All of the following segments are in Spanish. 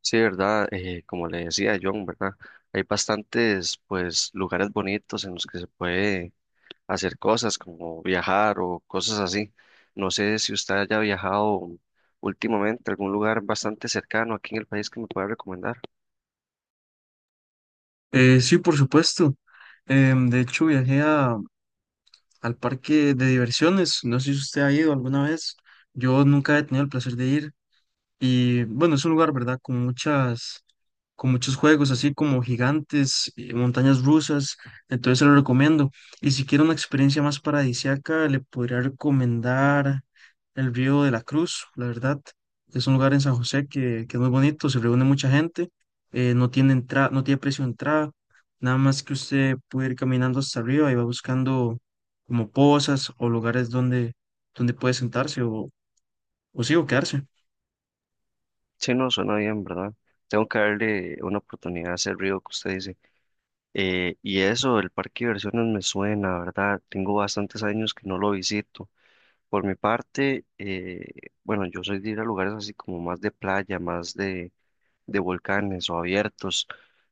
Sí, ¿verdad? Como le decía John, ¿verdad? Hay bastantes, pues, lugares bonitos en los que se puede hacer cosas como viajar o cosas así. No sé si usted haya viajado últimamente a algún lugar bastante cercano aquí en el país que me pueda recomendar. Sí, por supuesto. De hecho, viajé al parque de diversiones. No sé si usted ha ido alguna vez. Yo nunca he tenido el placer de ir. Y bueno, es un lugar, ¿verdad? Con muchos juegos, así como gigantes, montañas rusas, entonces se lo recomiendo. Y si quiere una experiencia más paradisíaca, le podría recomendar el Río de la Cruz, la verdad. Es un lugar en San José que es muy bonito, se reúne mucha gente, no tiene entrada, no tiene precio de entrada, nada más que usted puede ir caminando hasta arriba y va buscando como pozas o lugares donde puede sentarse o sí, o quedarse. Sí, no, suena bien, ¿verdad? Tengo que darle una oportunidad a ese río que usted dice. Y eso, el parque de diversiones me suena, ¿verdad? Tengo bastantes años que no lo visito. Por mi parte, bueno, yo soy de ir a lugares así como más de playa, más de volcanes o abiertos.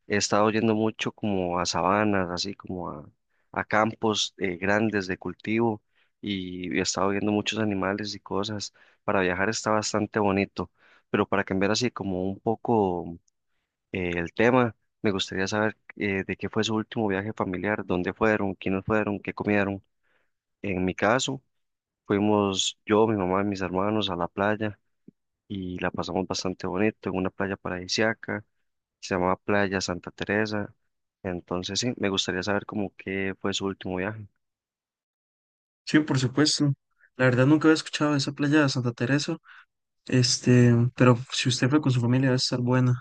He estado yendo mucho como a sabanas, así como a campos grandes de cultivo y he estado viendo muchos animales y cosas. Para viajar está bastante bonito, pero para cambiar así como un poco el tema, me gustaría saber de qué fue su último viaje familiar, dónde fueron, quiénes fueron, qué comieron. En mi caso, Fuimos yo, mi mamá y mis hermanos a la playa y la pasamos bastante bonito en una playa paradisíaca, se llamaba Playa Santa Teresa. Entonces sí, me gustaría saber como qué fue su último viaje. Sí, por supuesto. La verdad nunca había escuchado de esa playa de Santa Teresa, pero si usted fue con su familia debe estar buena.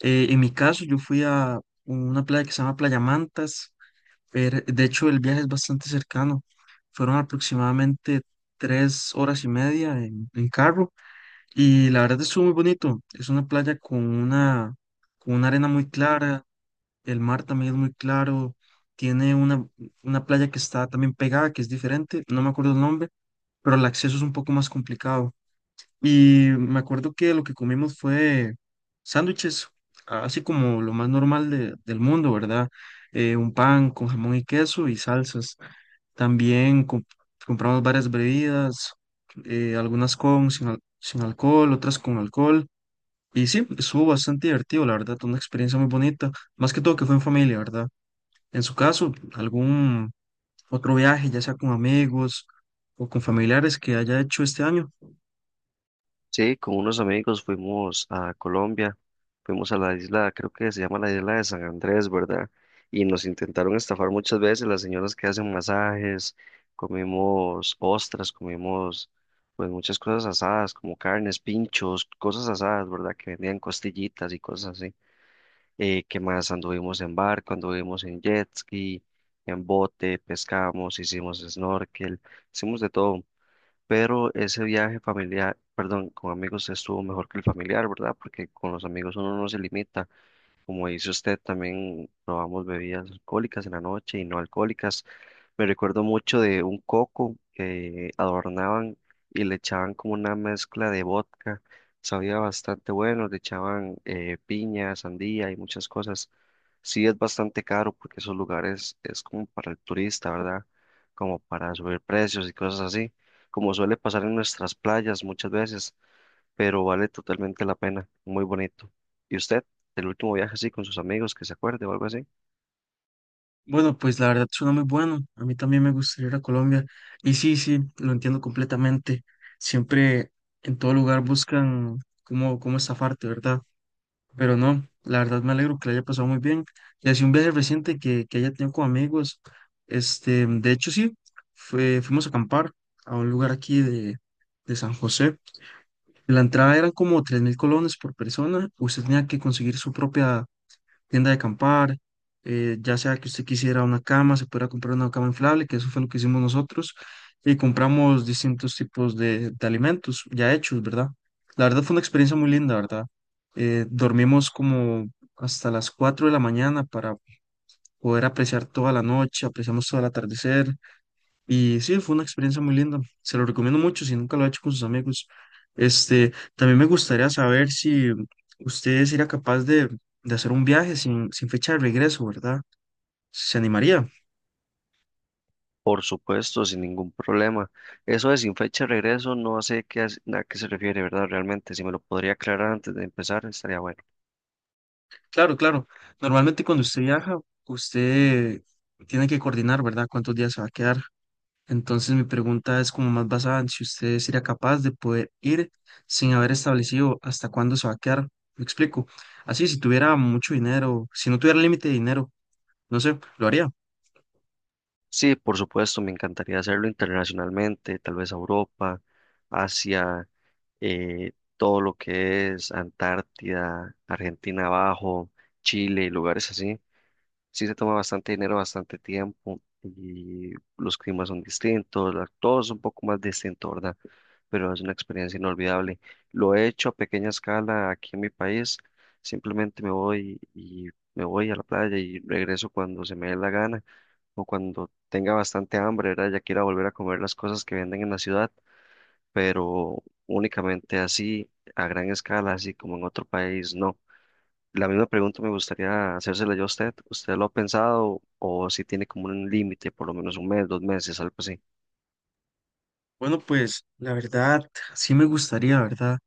En mi caso, yo fui a una playa que se llama Playa Mantas. Pero, de hecho, el viaje es bastante cercano. Fueron aproximadamente 3 horas y media en carro y la verdad estuvo muy bonito. Es una playa con una arena muy clara, el mar también es muy claro. Tiene una playa que está también pegada, que es diferente. No me acuerdo el nombre, pero el acceso es un poco más complicado. Y me acuerdo que lo que comimos fue sándwiches, así como lo más normal del mundo, ¿verdad? Un pan con jamón y queso y salsas. También compramos varias bebidas, algunas con, sin, sin alcohol, otras con alcohol. Y sí, estuvo bastante divertido, la verdad, una experiencia muy bonita. Más que todo que fue en familia, ¿verdad? En su caso, algún otro viaje, ya sea con amigos o con familiares que haya hecho este año. Sí, con unos amigos fuimos a Colombia, fuimos a la isla, creo que se llama la isla de San Andrés, ¿verdad? Y nos intentaron estafar muchas veces las señoras que hacen masajes, comimos ostras, comimos pues muchas cosas asadas, como carnes, pinchos, cosas asadas, ¿verdad? Que vendían costillitas y cosas así. ¿Qué más? Anduvimos en barco, anduvimos en jet ski, en bote, pescamos, hicimos snorkel, hicimos de todo pero ese viaje familiar, perdón, con amigos estuvo mejor que el familiar, ¿verdad? Porque con los amigos uno no se limita. Como dice usted, también probamos bebidas alcohólicas en la noche y no alcohólicas. Me recuerdo mucho de un coco que adornaban y le echaban como una mezcla de vodka. Sabía bastante bueno, le echaban piña, sandía y muchas cosas. Sí es bastante caro porque esos lugares es como para el turista, ¿verdad? Como para subir precios y cosas así, como suele pasar en nuestras playas muchas veces pero vale totalmente la pena, muy bonito. ¿Y usted, el último viaje así con sus amigos, que se acuerde o algo así? Bueno, pues la verdad suena muy bueno. A mí también me gustaría ir a Colombia. Y sí, sí, lo entiendo completamente. Siempre en todo lugar buscan cómo estafarte, ¿verdad? Pero no, la verdad me alegro que le haya pasado muy bien. Y así un viaje reciente que haya tenido con amigos. De hecho, sí, fuimos a acampar a un lugar aquí de San José. La entrada eran como 3.000 colones por persona. Usted tenía que conseguir su propia tienda de acampar, ya sea que usted quisiera una cama, se pudiera comprar una cama inflable, que eso fue lo que hicimos nosotros. Y compramos distintos tipos de alimentos ya hechos, ¿verdad? La verdad fue una experiencia muy linda, ¿verdad? Dormimos como hasta las 4 de la mañana para poder apreciar toda la noche, apreciamos todo el atardecer. Y sí, fue una experiencia muy linda. Se lo recomiendo mucho si nunca lo ha hecho con sus amigos. Este, también me gustaría saber si usted sería capaz de hacer un viaje sin fecha de regreso, ¿verdad? ¿Se animaría? Por supuesto, sin ningún problema. Eso de sin fecha de regreso, no sé qué, a qué se refiere, ¿verdad? Realmente, si me lo podría aclarar antes de empezar, estaría bueno. Claro, claro. Normalmente cuando usted viaja, usted tiene que coordinar, ¿verdad? Cuántos días se va a quedar. Entonces mi pregunta es como más basada en si usted sería capaz de poder ir sin haber establecido hasta cuándo se va a quedar. Me explico. Así, si tuviera mucho dinero, si no tuviera límite de dinero. No sé, lo haría. Sí, por supuesto, me encantaría hacerlo internacionalmente, tal vez a Europa, Asia, todo lo que es Antártida, Argentina abajo, Chile y lugares así. Sí se toma bastante dinero, bastante tiempo y los climas son distintos, todo es un poco más distinto, ¿verdad? Pero es una experiencia inolvidable. Lo he hecho a pequeña escala aquí en mi país, simplemente me voy y me voy a la playa y regreso cuando se me dé la gana o cuando tenga bastante hambre, ¿verdad? Ya quiera volver a comer las cosas que venden en la ciudad, pero únicamente así, a gran escala, así como en otro país, no. La misma pregunta me gustaría hacérsela yo a usted. ¿Usted lo ha pensado o si tiene como un límite, por lo menos un mes, dos meses, algo así? Bueno, pues la verdad, sí me gustaría, ¿verdad?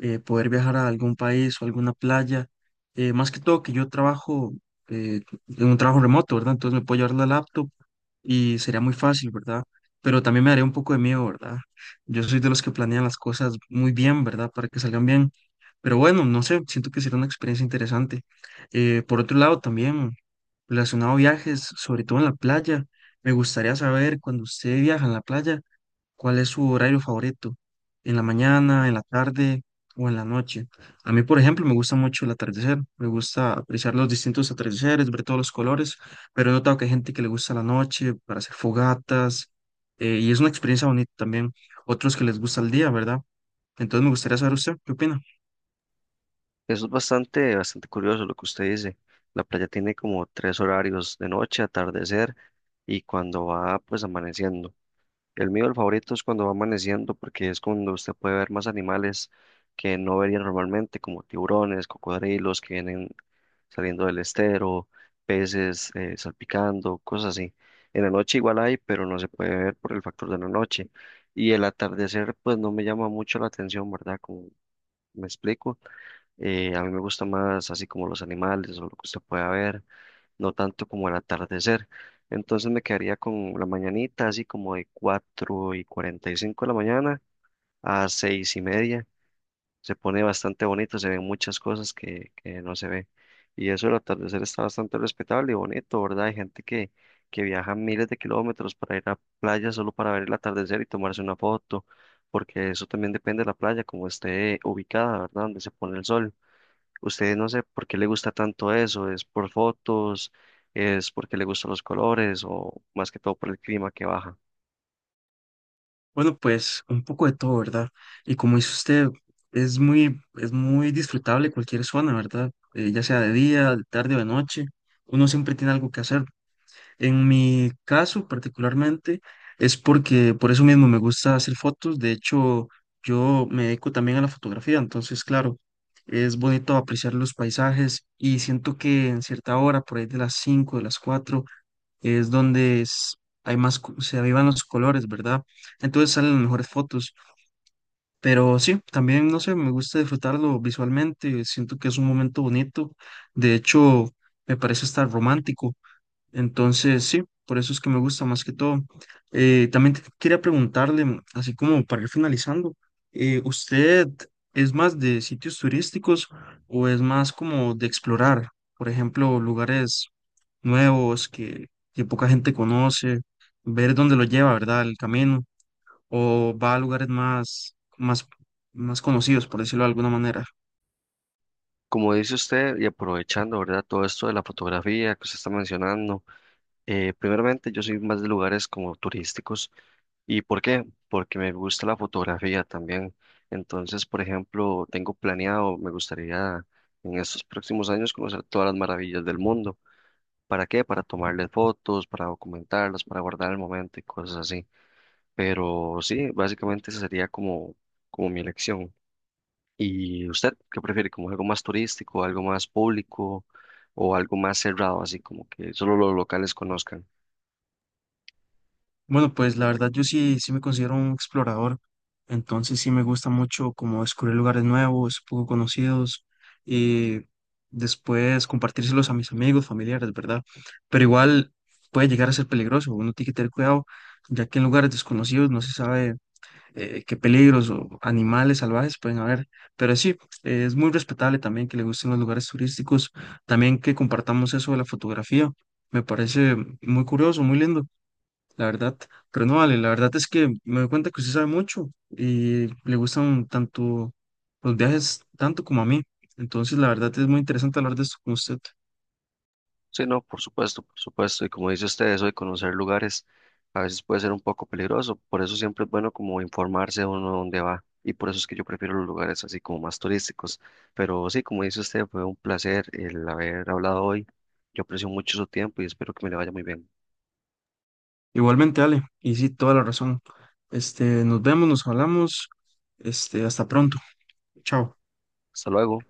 Poder viajar a algún país o alguna playa. Más que todo que yo trabajo eh, en un trabajo remoto, ¿verdad? Entonces me puedo llevar la laptop y sería muy fácil, ¿verdad? Pero también me daría un poco de miedo, ¿verdad? Yo soy de los que planean las cosas muy bien, ¿verdad? Para que salgan bien. Pero bueno, no sé, siento que será una experiencia interesante. Por otro lado, también relacionado a viajes, sobre todo en la playa, me gustaría saber cuando usted viaja en la playa. ¿Cuál es su horario favorito? ¿En la mañana, en la tarde o en la noche? A mí, por ejemplo, me gusta mucho el atardecer. Me gusta apreciar los distintos atardeceres, ver todos los colores, pero he notado que hay gente que le gusta la noche para hacer fogatas y es una experiencia bonita también. Otros que les gusta el día, ¿verdad? Entonces me gustaría saber usted, ¿qué opina? Eso es bastante, bastante curioso lo que usted dice. La playa tiene como tres horarios de noche, atardecer y cuando va pues amaneciendo. El mío, el favorito, es cuando va amaneciendo, porque es cuando usted puede ver más animales que no vería normalmente, como tiburones, cocodrilos que vienen saliendo del estero, peces salpicando, cosas así. En la noche igual hay, pero no se puede ver por el factor de la noche. Y el atardecer, pues no me llama mucho la atención, ¿verdad? Como me explico, a mí me gusta más así como los animales o lo que usted pueda ver no tanto como el atardecer. Entonces me quedaría con la mañanita, así como de 4:45 de la mañana a 6:30. Se pone bastante bonito, se ven muchas cosas que no se ve. Y eso el atardecer está bastante respetable y bonito, ¿verdad? Hay gente que viaja miles de kilómetros para ir a playa solo para ver el atardecer y tomarse una foto, porque eso también depende de la playa, como esté ubicada, ¿verdad? Donde se pone el sol. Usted no sé por qué le gusta tanto eso, ¿es por fotos, es porque le gustan los colores o más que todo por el clima que baja? Bueno, pues un poco de todo, ¿verdad? Y como dice usted, es muy disfrutable cualquier zona, ¿verdad? Ya sea de día, de tarde o de noche. Uno siempre tiene algo que hacer. En mi caso particularmente es porque por eso mismo me gusta hacer fotos. De hecho, yo me dedico también a la fotografía, entonces claro, es bonito apreciar los paisajes y siento que en cierta hora, por ahí de las 5 de las 4 es donde hay más, se avivan los colores, ¿verdad? Entonces salen las mejores fotos. Pero sí, también, no sé, me gusta disfrutarlo visualmente. Siento que es un momento bonito. De hecho, me parece estar romántico. Entonces, sí, por eso es que me gusta más que todo. También quería preguntarle, así como para ir finalizando, ¿usted es más de sitios turísticos o es más como de explorar, por ejemplo, lugares nuevos que poca gente conoce, ver dónde lo lleva, ¿verdad? El camino, o va a lugares más conocidos, por decirlo de alguna manera? Como dice usted, y aprovechando, ¿verdad? Todo esto de la fotografía que usted está mencionando, primeramente yo soy más de lugares como turísticos. ¿Y por qué? Porque me gusta la fotografía también. Entonces, por ejemplo, tengo planeado, me gustaría en estos próximos años conocer todas las maravillas del mundo. ¿Para qué? Para tomarle fotos, para documentarlas, para guardar el momento y cosas así. Pero sí, básicamente esa sería como, mi elección. ¿Y usted qué prefiere? ¿Como algo más turístico, algo más público o algo más cerrado, así como que solo los locales conozcan? Bueno, pues la verdad yo sí, sí me considero un explorador, entonces sí me gusta mucho como descubrir lugares nuevos, poco conocidos y después compartírselos a mis amigos, familiares, ¿verdad? Pero igual puede llegar a ser peligroso, uno tiene que tener cuidado, ya que en lugares desconocidos no se sabe qué peligros o animales salvajes pueden haber, pero sí, es muy respetable también que le gusten los lugares turísticos, también que compartamos eso de la fotografía, me parece muy curioso, muy lindo la verdad. Pero no vale, la verdad es que me doy cuenta que usted sabe mucho y le gustan tanto los viajes, tanto como a mí. Entonces, la verdad es muy interesante hablar de esto con usted. Sí, no, por supuesto, por supuesto. Y como dice usted, eso de conocer lugares a veces puede ser un poco peligroso. Por eso siempre es bueno como informarse uno dónde va. Y por eso es que yo prefiero los lugares así como más turísticos. Pero sí, como dice usted, fue un placer el haber hablado hoy. Yo aprecio mucho su tiempo y espero que me le vaya muy bien. Igualmente, Ale, y sí, toda la razón. Nos vemos, nos hablamos. Hasta pronto. Chao. Hasta luego.